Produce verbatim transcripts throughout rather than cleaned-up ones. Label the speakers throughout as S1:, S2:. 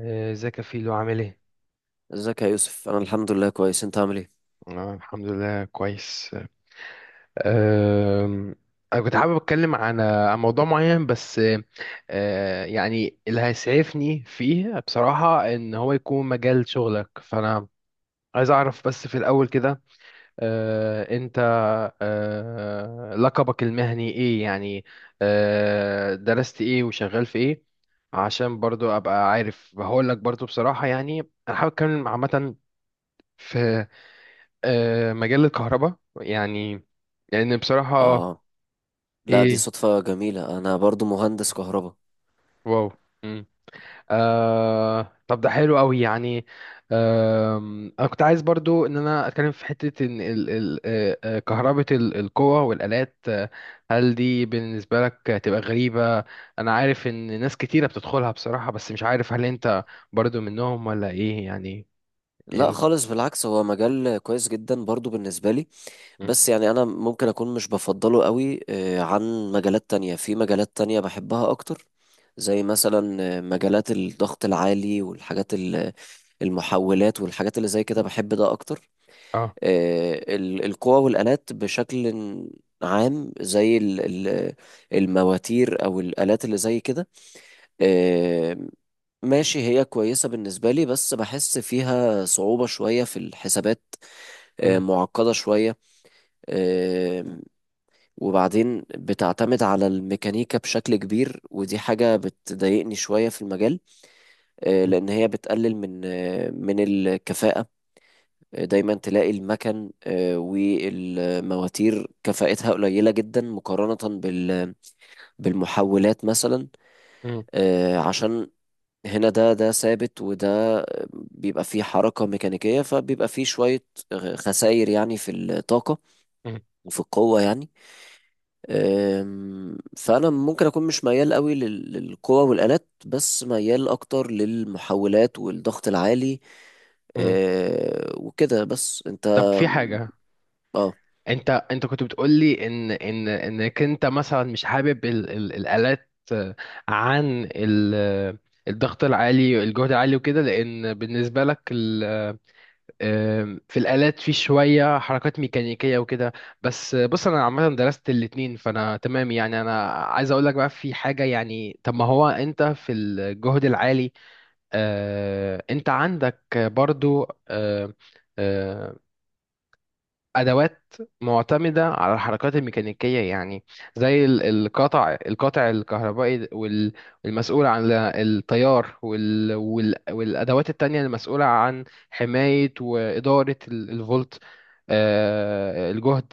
S1: آه، ازيك يا فيلو عامل ايه؟
S2: ازيك يا يوسف؟ انا الحمد لله كويس. انت عامل ايه؟
S1: أنا الحمد لله كويس. أم، أنا كنت حابب أتكلم عن آه، عن موضوع معين، بس أه، يعني اللي هيسعفني فيه بصراحة إن هو يكون مجال شغلك، فأنا عايز أعرف بس في الأول كده أه، أنت أه، لقبك المهني إيه يعني؟ أه، درست إيه وشغال في إيه؟ عشان برضو أبقى عارف هقول لك. برضو بصراحة يعني أنا حابب أتكلم عامة في آه، مجال الكهرباء يعني، لان بصراحة.
S2: اه، لا دي
S1: ايه؟
S2: صدفة جميلة، انا برضو مهندس كهرباء.
S1: واو. مم. آه طب ده حلو قوي يعني. آم، انا كنت عايز برضو ان انا اتكلم في حتة ان ال ال آه، آه، كهربة ال- القوى والالات، آه، هل دي بالنسبة لك تبقى غريبة؟ انا عارف ان ناس كتيرة بتدخلها بصراحة، بس مش عارف هل انت برضو منهم ولا ايه يعني؟
S2: لا
S1: إيه نز-
S2: خالص، بالعكس هو مجال كويس جدا برضو بالنسبة لي.
S1: مم.
S2: بس يعني انا ممكن اكون مش بفضله قوي آه، عن مجالات تانية. في مجالات تانية بحبها اكتر، زي مثلا آه، مجالات الضغط العالي والحاجات ال- المحولات والحاجات اللي زي كده بحب ده اكتر.
S1: اه.
S2: آه، ال- القوى والآلات بشكل عام، زي ال- ال- المواتير او الآلات اللي زي كده. آه، ماشي هي كويسة بالنسبة لي بس بحس فيها صعوبة شوية في الحسابات، آه،
S1: مم.
S2: معقدة شوية. آه، وبعدين بتعتمد على الميكانيكا بشكل كبير ودي حاجة بتضايقني شوية في المجال، آه،
S1: مم.
S2: لأن هي بتقلل من آه، من الكفاءة. آه، دايما تلاقي المكن آه، والمواتير كفاءتها قليلة جدا مقارنة بال بالمحولات مثلا.
S1: مم.
S2: آه، عشان هنا ده ده ثابت وده بيبقى فيه حركة ميكانيكية، فبيبقى فيه شوية خسائر يعني في الطاقة
S1: مم.
S2: وفي القوة يعني. أم، فأنا ممكن أكون مش ميال قوي لل- للقوة والآلات، بس ميال أكتر للمحولات والضغط العالي.
S1: مم.
S2: أه، وكده. بس أنت
S1: طب في حاجة،
S2: اه.
S1: انت انت كنت بتقول لي ان ان انك انت مثلا مش حابب ال ال الالات، آه، عن ال آه، الضغط العالي، الجهد العالي، وكده، لان بالنسبه لك ال آه، في الالات في شويه حركات ميكانيكيه وكده، بس آه، بص انا عامه درست الاتنين فانا تمام. يعني انا عايز اقول لك بقى في حاجه، يعني طب ما هو انت في الجهد العالي آه، انت عندك برضو آه، آه، ادوات معتمده على الحركات الميكانيكيه يعني، زي ال- القطع القطع الكهربائي وال- والمسؤول عن ال- التيار وال- وال- والادوات التانية المسؤوله عن حمايه واداره ال- الفولت، آه، الجهد،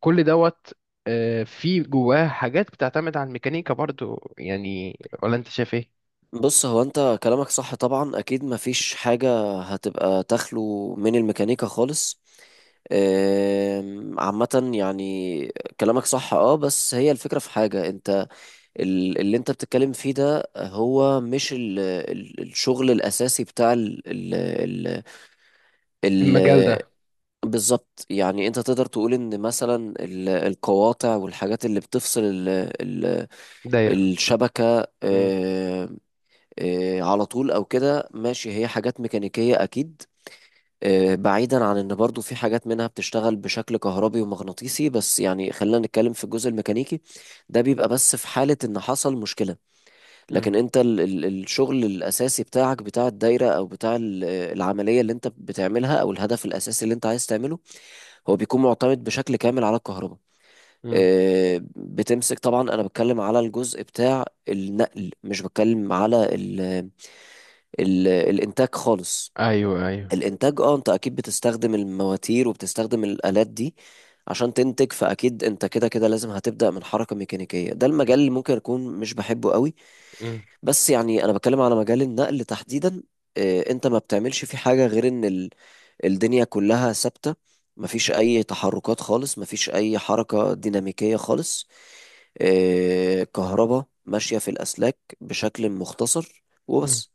S1: كل دوت، آه، في جواه حاجات بتعتمد على الميكانيكا برضو يعني، ولا انت شايف ايه؟
S2: بص، هو انت كلامك صح طبعا، اكيد مفيش حاجة هتبقى تخلو من الميكانيكا خالص. أم، عامة يعني كلامك صح. اه بس هي الفكرة في حاجة. انت ال- اللي انت بتتكلم فيه ده هو مش ال- ال- الشغل الاساسي بتاع ال ال ال ال
S1: المجال ده.
S2: بالظبط. يعني انت تقدر تقول ان مثلا ال- القواطع والحاجات اللي بتفصل ال ال
S1: دايره.
S2: الشبكة
S1: مم.
S2: آمم، آه، على طول او كده، ماشي هي حاجات ميكانيكية اكيد. آه، بعيدا عن ان برضو في حاجات منها بتشتغل بشكل كهربي ومغناطيسي، بس يعني خلينا نتكلم في الجزء الميكانيكي. ده بيبقى بس في حالة ان حصل مشكلة.
S1: مم.
S2: لكن انت ال ال الشغل الاساسي بتاعك بتاع الدايرة او بتاع ال- العملية اللي انت بتعملها او الهدف الاساسي اللي انت عايز تعمله، هو بيكون معتمد بشكل كامل على الكهرباء.
S1: مم.
S2: آه، بتمسك. طبعا انا بتكلم على الجزء بتاع النقل، مش بتكلم على ال- الانتاج خالص.
S1: ايوه ايوه.
S2: الانتاج اه انت اكيد بتستخدم المواتير وبتستخدم الالات دي عشان تنتج، فاكيد انت كده كده لازم هتبدا من حركه ميكانيكيه، ده المجال اللي ممكن اكون مش بحبه قوي.
S1: مم.
S2: بس يعني انا بتكلم على مجال النقل تحديدا. آه، انت ما بتعملش فيه حاجه غير ان ال- الدنيا كلها ثابته، مفيش اي تحركات خالص، مفيش اي حركه ديناميكيه خالص. آه، كهرباء ماشيه في الاسلاك بشكل مختصر
S1: مم.
S2: وبس.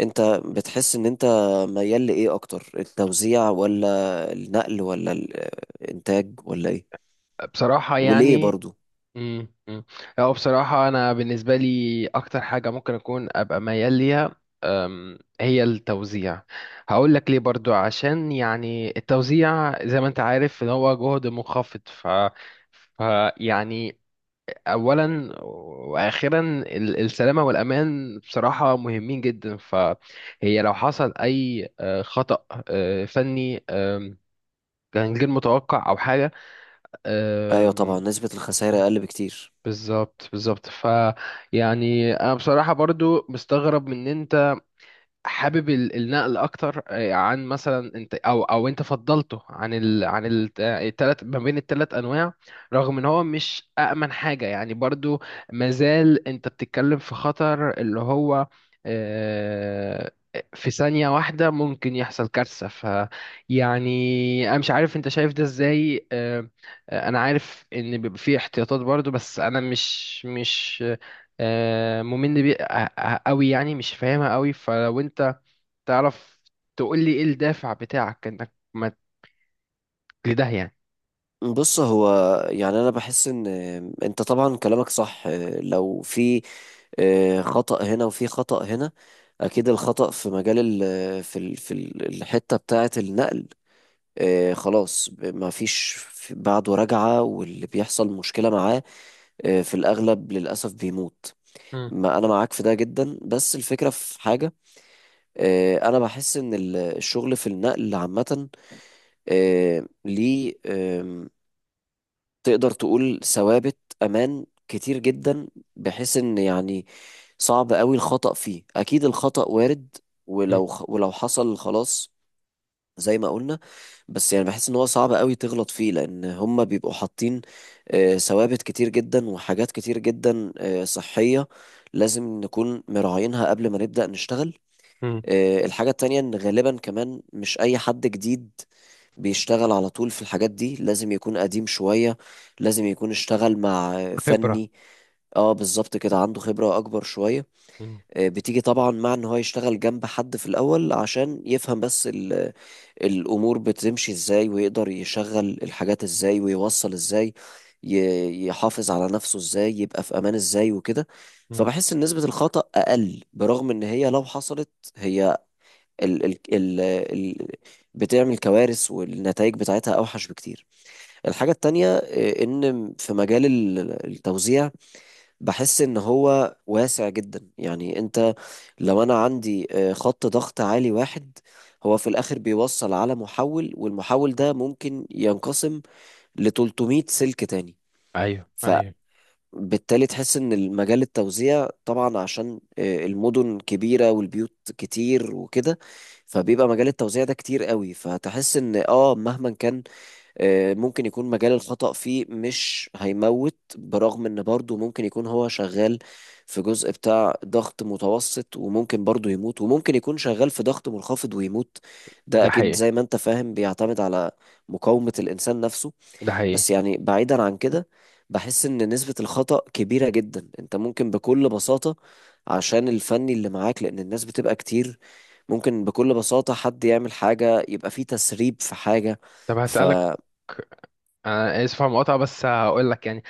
S2: انت بتحس ان انت ميال لايه اكتر، التوزيع ولا النقل ولا الانتاج ولا ايه؟
S1: بصراحة
S2: وليه
S1: يعني.
S2: برضو؟
S1: امم امم. هو بصراحة أنا بالنسبة لي أكتر حاجة ممكن أكون أبقى ميال ليها، أم، هي التوزيع. هقول لك ليه برضو، عشان يعني التوزيع زي ما أنت عارف إن هو جهد منخفض، ف ف- يعني أولا وأخيرا ال- السلامة والأمان بصراحة مهمين جدا، فهي لو حصل أي آه، خطأ آه، فني آم، كان غير متوقع أو حاجة.
S2: ايوه طبعا نسبة الخسائر اقل بكتير.
S1: بالظبط بالظبط، ف يعني انا بصراحة برضو مستغرب مننا حابب ال- النقل اكتر آه، عن مثلا انت او او انت فضلته عن ال عن ال- آه، التلات، ما بين التلات انواع، رغم ان هو مش امن حاجه يعني برضو. مازال انت بتتكلم في خطر، اللي هو آه، في ثانيه واحده ممكن يحصل كارثه. ف يعني انا مش عارف انت شايف ده ازاي. آه، آه، انا عارف ان بيبقى فيه احتياطات برضو، بس انا مش مش آه، مؤمن بيه قوي، يعني مش فاهمها قوي، فلو انت تعرف تقول لي ايه الدافع بتاعك انك ما لده يعني.
S2: بص هو يعني انا بحس ان انت طبعا كلامك صح. لو في آه، خطأ هنا وفي خطأ هنا، اكيد الخطأ في مجال ال... في ال... في ال- الحتة بتاعة النقل. آه، خلاص ما فيش بعده رجعة، واللي بيحصل مشكلة معاه آه، في الأغلب للأسف بيموت.
S1: مم.
S2: ما انا معاك في ده جدا. بس الفكره في حاجه، آه، انا بحس ان ال- الشغل في النقل عامه آه، ليه آم، تقدر تقول ثوابت امان كتير جدا، بحيث ان يعني صعب قوي الخطأ فيه. اكيد الخطأ وارد
S1: مم.
S2: ولو خ- ولو حصل خلاص زي ما قلنا. بس يعني بحس ان هو صعب قوي تغلط فيه، لان هم بيبقوا حاطين آه، ثوابت كتير جدا وحاجات كتير جدا آه، صحيه، لازم نكون مراعينها قبل ما نبدأ نشتغل.
S1: مم.
S2: آه، الحاجة التانية إن غالبا كمان مش أي حد جديد بيشتغل على طول في الحاجات دي، لازم يكون قديم شوية، لازم يكون اشتغل مع آه،
S1: خبرة.
S2: فني. اه بالظبط كده عنده خبرة أكبر شوية.
S1: مم.
S2: آه، بتيجي طبعا مع إن هو يشتغل جنب حد في الأول عشان يفهم بس ال- الأمور بتمشي إزاي، ويقدر يشغل الحاجات إزاي، ويوصل إزاي، ي- يحافظ على نفسه إزاي، يبقى في أمان إزاي وكده.
S1: مم.
S2: فبحس إن نسبة الخطأ أقل، برغم إن هي لو حصلت هي ال ال ال ال بتعمل كوارث، والنتائج بتاعتها أوحش بكتير. الحاجة التانية آه، إن في مجال ال- التوزيع بحس إن هو واسع جدا. يعني أنت لو أنا عندي آه، خط ضغط عالي واحد، هو في الآخر بيوصل على محول، والمحول ده ممكن ينقسم ل ثلاثمية سلك تاني.
S1: ايوه
S2: ف
S1: ايوه.
S2: بالتالي تحس ان المجال التوزيع طبعا عشان آه، المدن كبيرة والبيوت كتير وكده، فبيبقى مجال التوزيع ده كتير قوي. فتحس ان اه مهما كان آه، ممكن يكون مجال الخطأ فيه مش هيموت، برغم ان برضه ممكن يكون هو شغال في جزء بتاع ضغط متوسط وممكن برضه يموت، وممكن يكون شغال في ضغط منخفض ويموت. ده
S1: ده
S2: اكيد
S1: حقيقي.
S2: زي ما انت فاهم بيعتمد على مقاومة الانسان نفسه.
S1: ده حقيقي.
S2: بس يعني بعيدا عن كده بحس ان نسبة الخطأ كبيرة جدا. انت ممكن بكل بساطة عشان الفني اللي معاك، لان الناس بتبقى كتير، ممكن بكل بساطة حد يعمل حاجة، يبقى فيه تسريب في حاجة.
S1: طب هسألك،
S2: فبص
S1: انا اسف على المقاطعة، بس هقول لك يعني،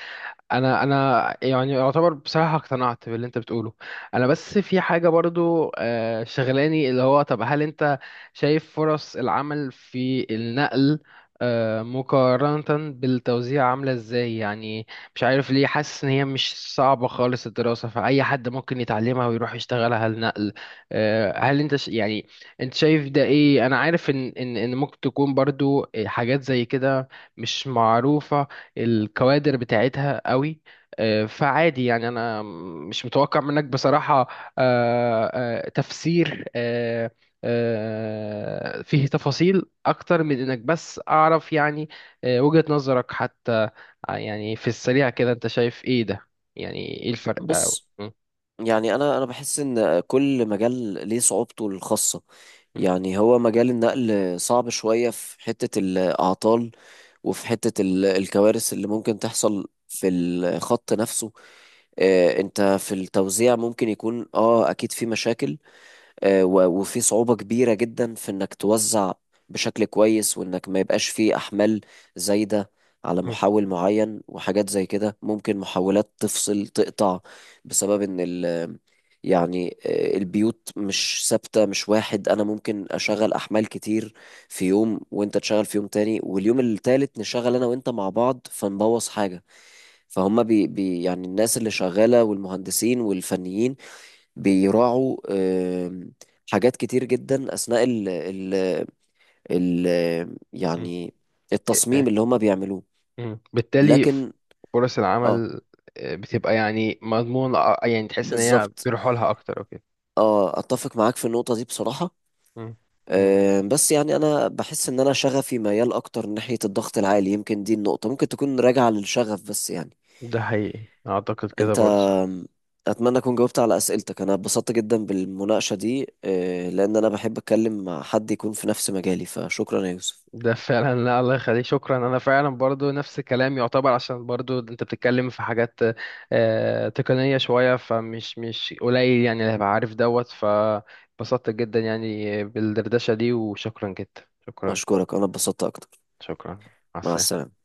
S1: انا انا يعني يعتبر بصراحه اقتنعت باللي انت بتقوله. انا بس في حاجه برضو آه، شغلاني، اللي هو طب هل انت شايف فرص العمل في النقل آه، مقارنه بالتوزيع عامله ازاي يعني؟ مش عارف ليه حاسس ان هي مش صعبه خالص الدراسه، فاي حد ممكن يتعلمها ويروح يشتغلها النقل. آه، هل انت ش... يعني انت شايف ده ايه؟ انا عارف ان ان ان ممكن تكون برضو حاجات زي كده مش معروفة الكوادر بتاعتها قوي، آه، فعادي يعني. انا مش متوقع منك بصراحة آه، آه، تفسير، آه، آه، فيه تفاصيل اكتر من انك بس اعرف يعني آه، وجهة نظرك حتى. آه، يعني في السريع كده انت شايف ايه ده يعني؟ ايه الفرق أو- م-
S2: يعني انا انا بحس ان كل مجال ليه صعوبته الخاصة.
S1: م-
S2: يعني هو مجال النقل صعب شوية في حتة الأعطال وفي حتة ال- الكوارث اللي ممكن تحصل في الخط نفسه. آه، انت في التوزيع ممكن يكون اه اكيد في مشاكل. آه، و- وفي صعوبة كبيرة جدا في انك توزع بشكل كويس، وانك ما يبقاش فيه احمال زايدة على
S1: م-
S2: محول معين وحاجات زي كده. ممكن محولات تفصل تقطع بسبب ان ال يعني آه، البيوت مش ثابتة، مش واحد. انا ممكن اشغل احمال كتير في يوم وانت تشغل في يوم تاني، واليوم التالت نشغل انا وانت مع بعض فنبوظ حاجة. فهم بي بي يعني الناس اللي شغالة والمهندسين والفنيين بيراعوا آم، حاجات كتير جدا أثناء ال ال ال
S1: م-
S2: يعني
S1: آه،
S2: التصميم اللي هما بيعملوه.
S1: م. بالتالي ف-
S2: لكن
S1: فرص
S2: اه
S1: العمل آه، بتبقى يعني مضمون، يعني تحس ان هي
S2: بالظبط.
S1: بيروحوا لها اكتر. اوكي.
S2: اه أتفق معاك في النقطة دي بصراحة.
S1: م- م.
S2: آم، بس يعني أنا بحس إن أنا شغفي ميال أكتر ناحية الضغط العالي، يمكن دي النقطة ممكن تكون راجعة للشغف بس يعني.
S1: ده حقيقي، اعتقد كده
S2: أنت
S1: برضو.
S2: آم، أتمنى أكون جاوبت على أسئلتك. أنا اتبسطت جدا بالمناقشة دي آه، لأن أنا بحب أتكلم مع حد يكون في نفس مجالي. فشكرا يا يوسف.
S1: ده فعلا، لا الله يخليك شكرا. انا فعلا برضو نفس الكلام يعتبر، عشان برضو انت بتتكلم في حاجات آه، تقنية شوية، فمش مش قليل يعني اللي هيبقى عارف دوت، فبسطت جدا يعني بالدردشة دي، وشكرا جدا. شكرا.
S2: أشكرك، أنا اتبسطت أكتر.
S1: شكرا. مع
S2: مع
S1: السلامة.
S2: السلامة.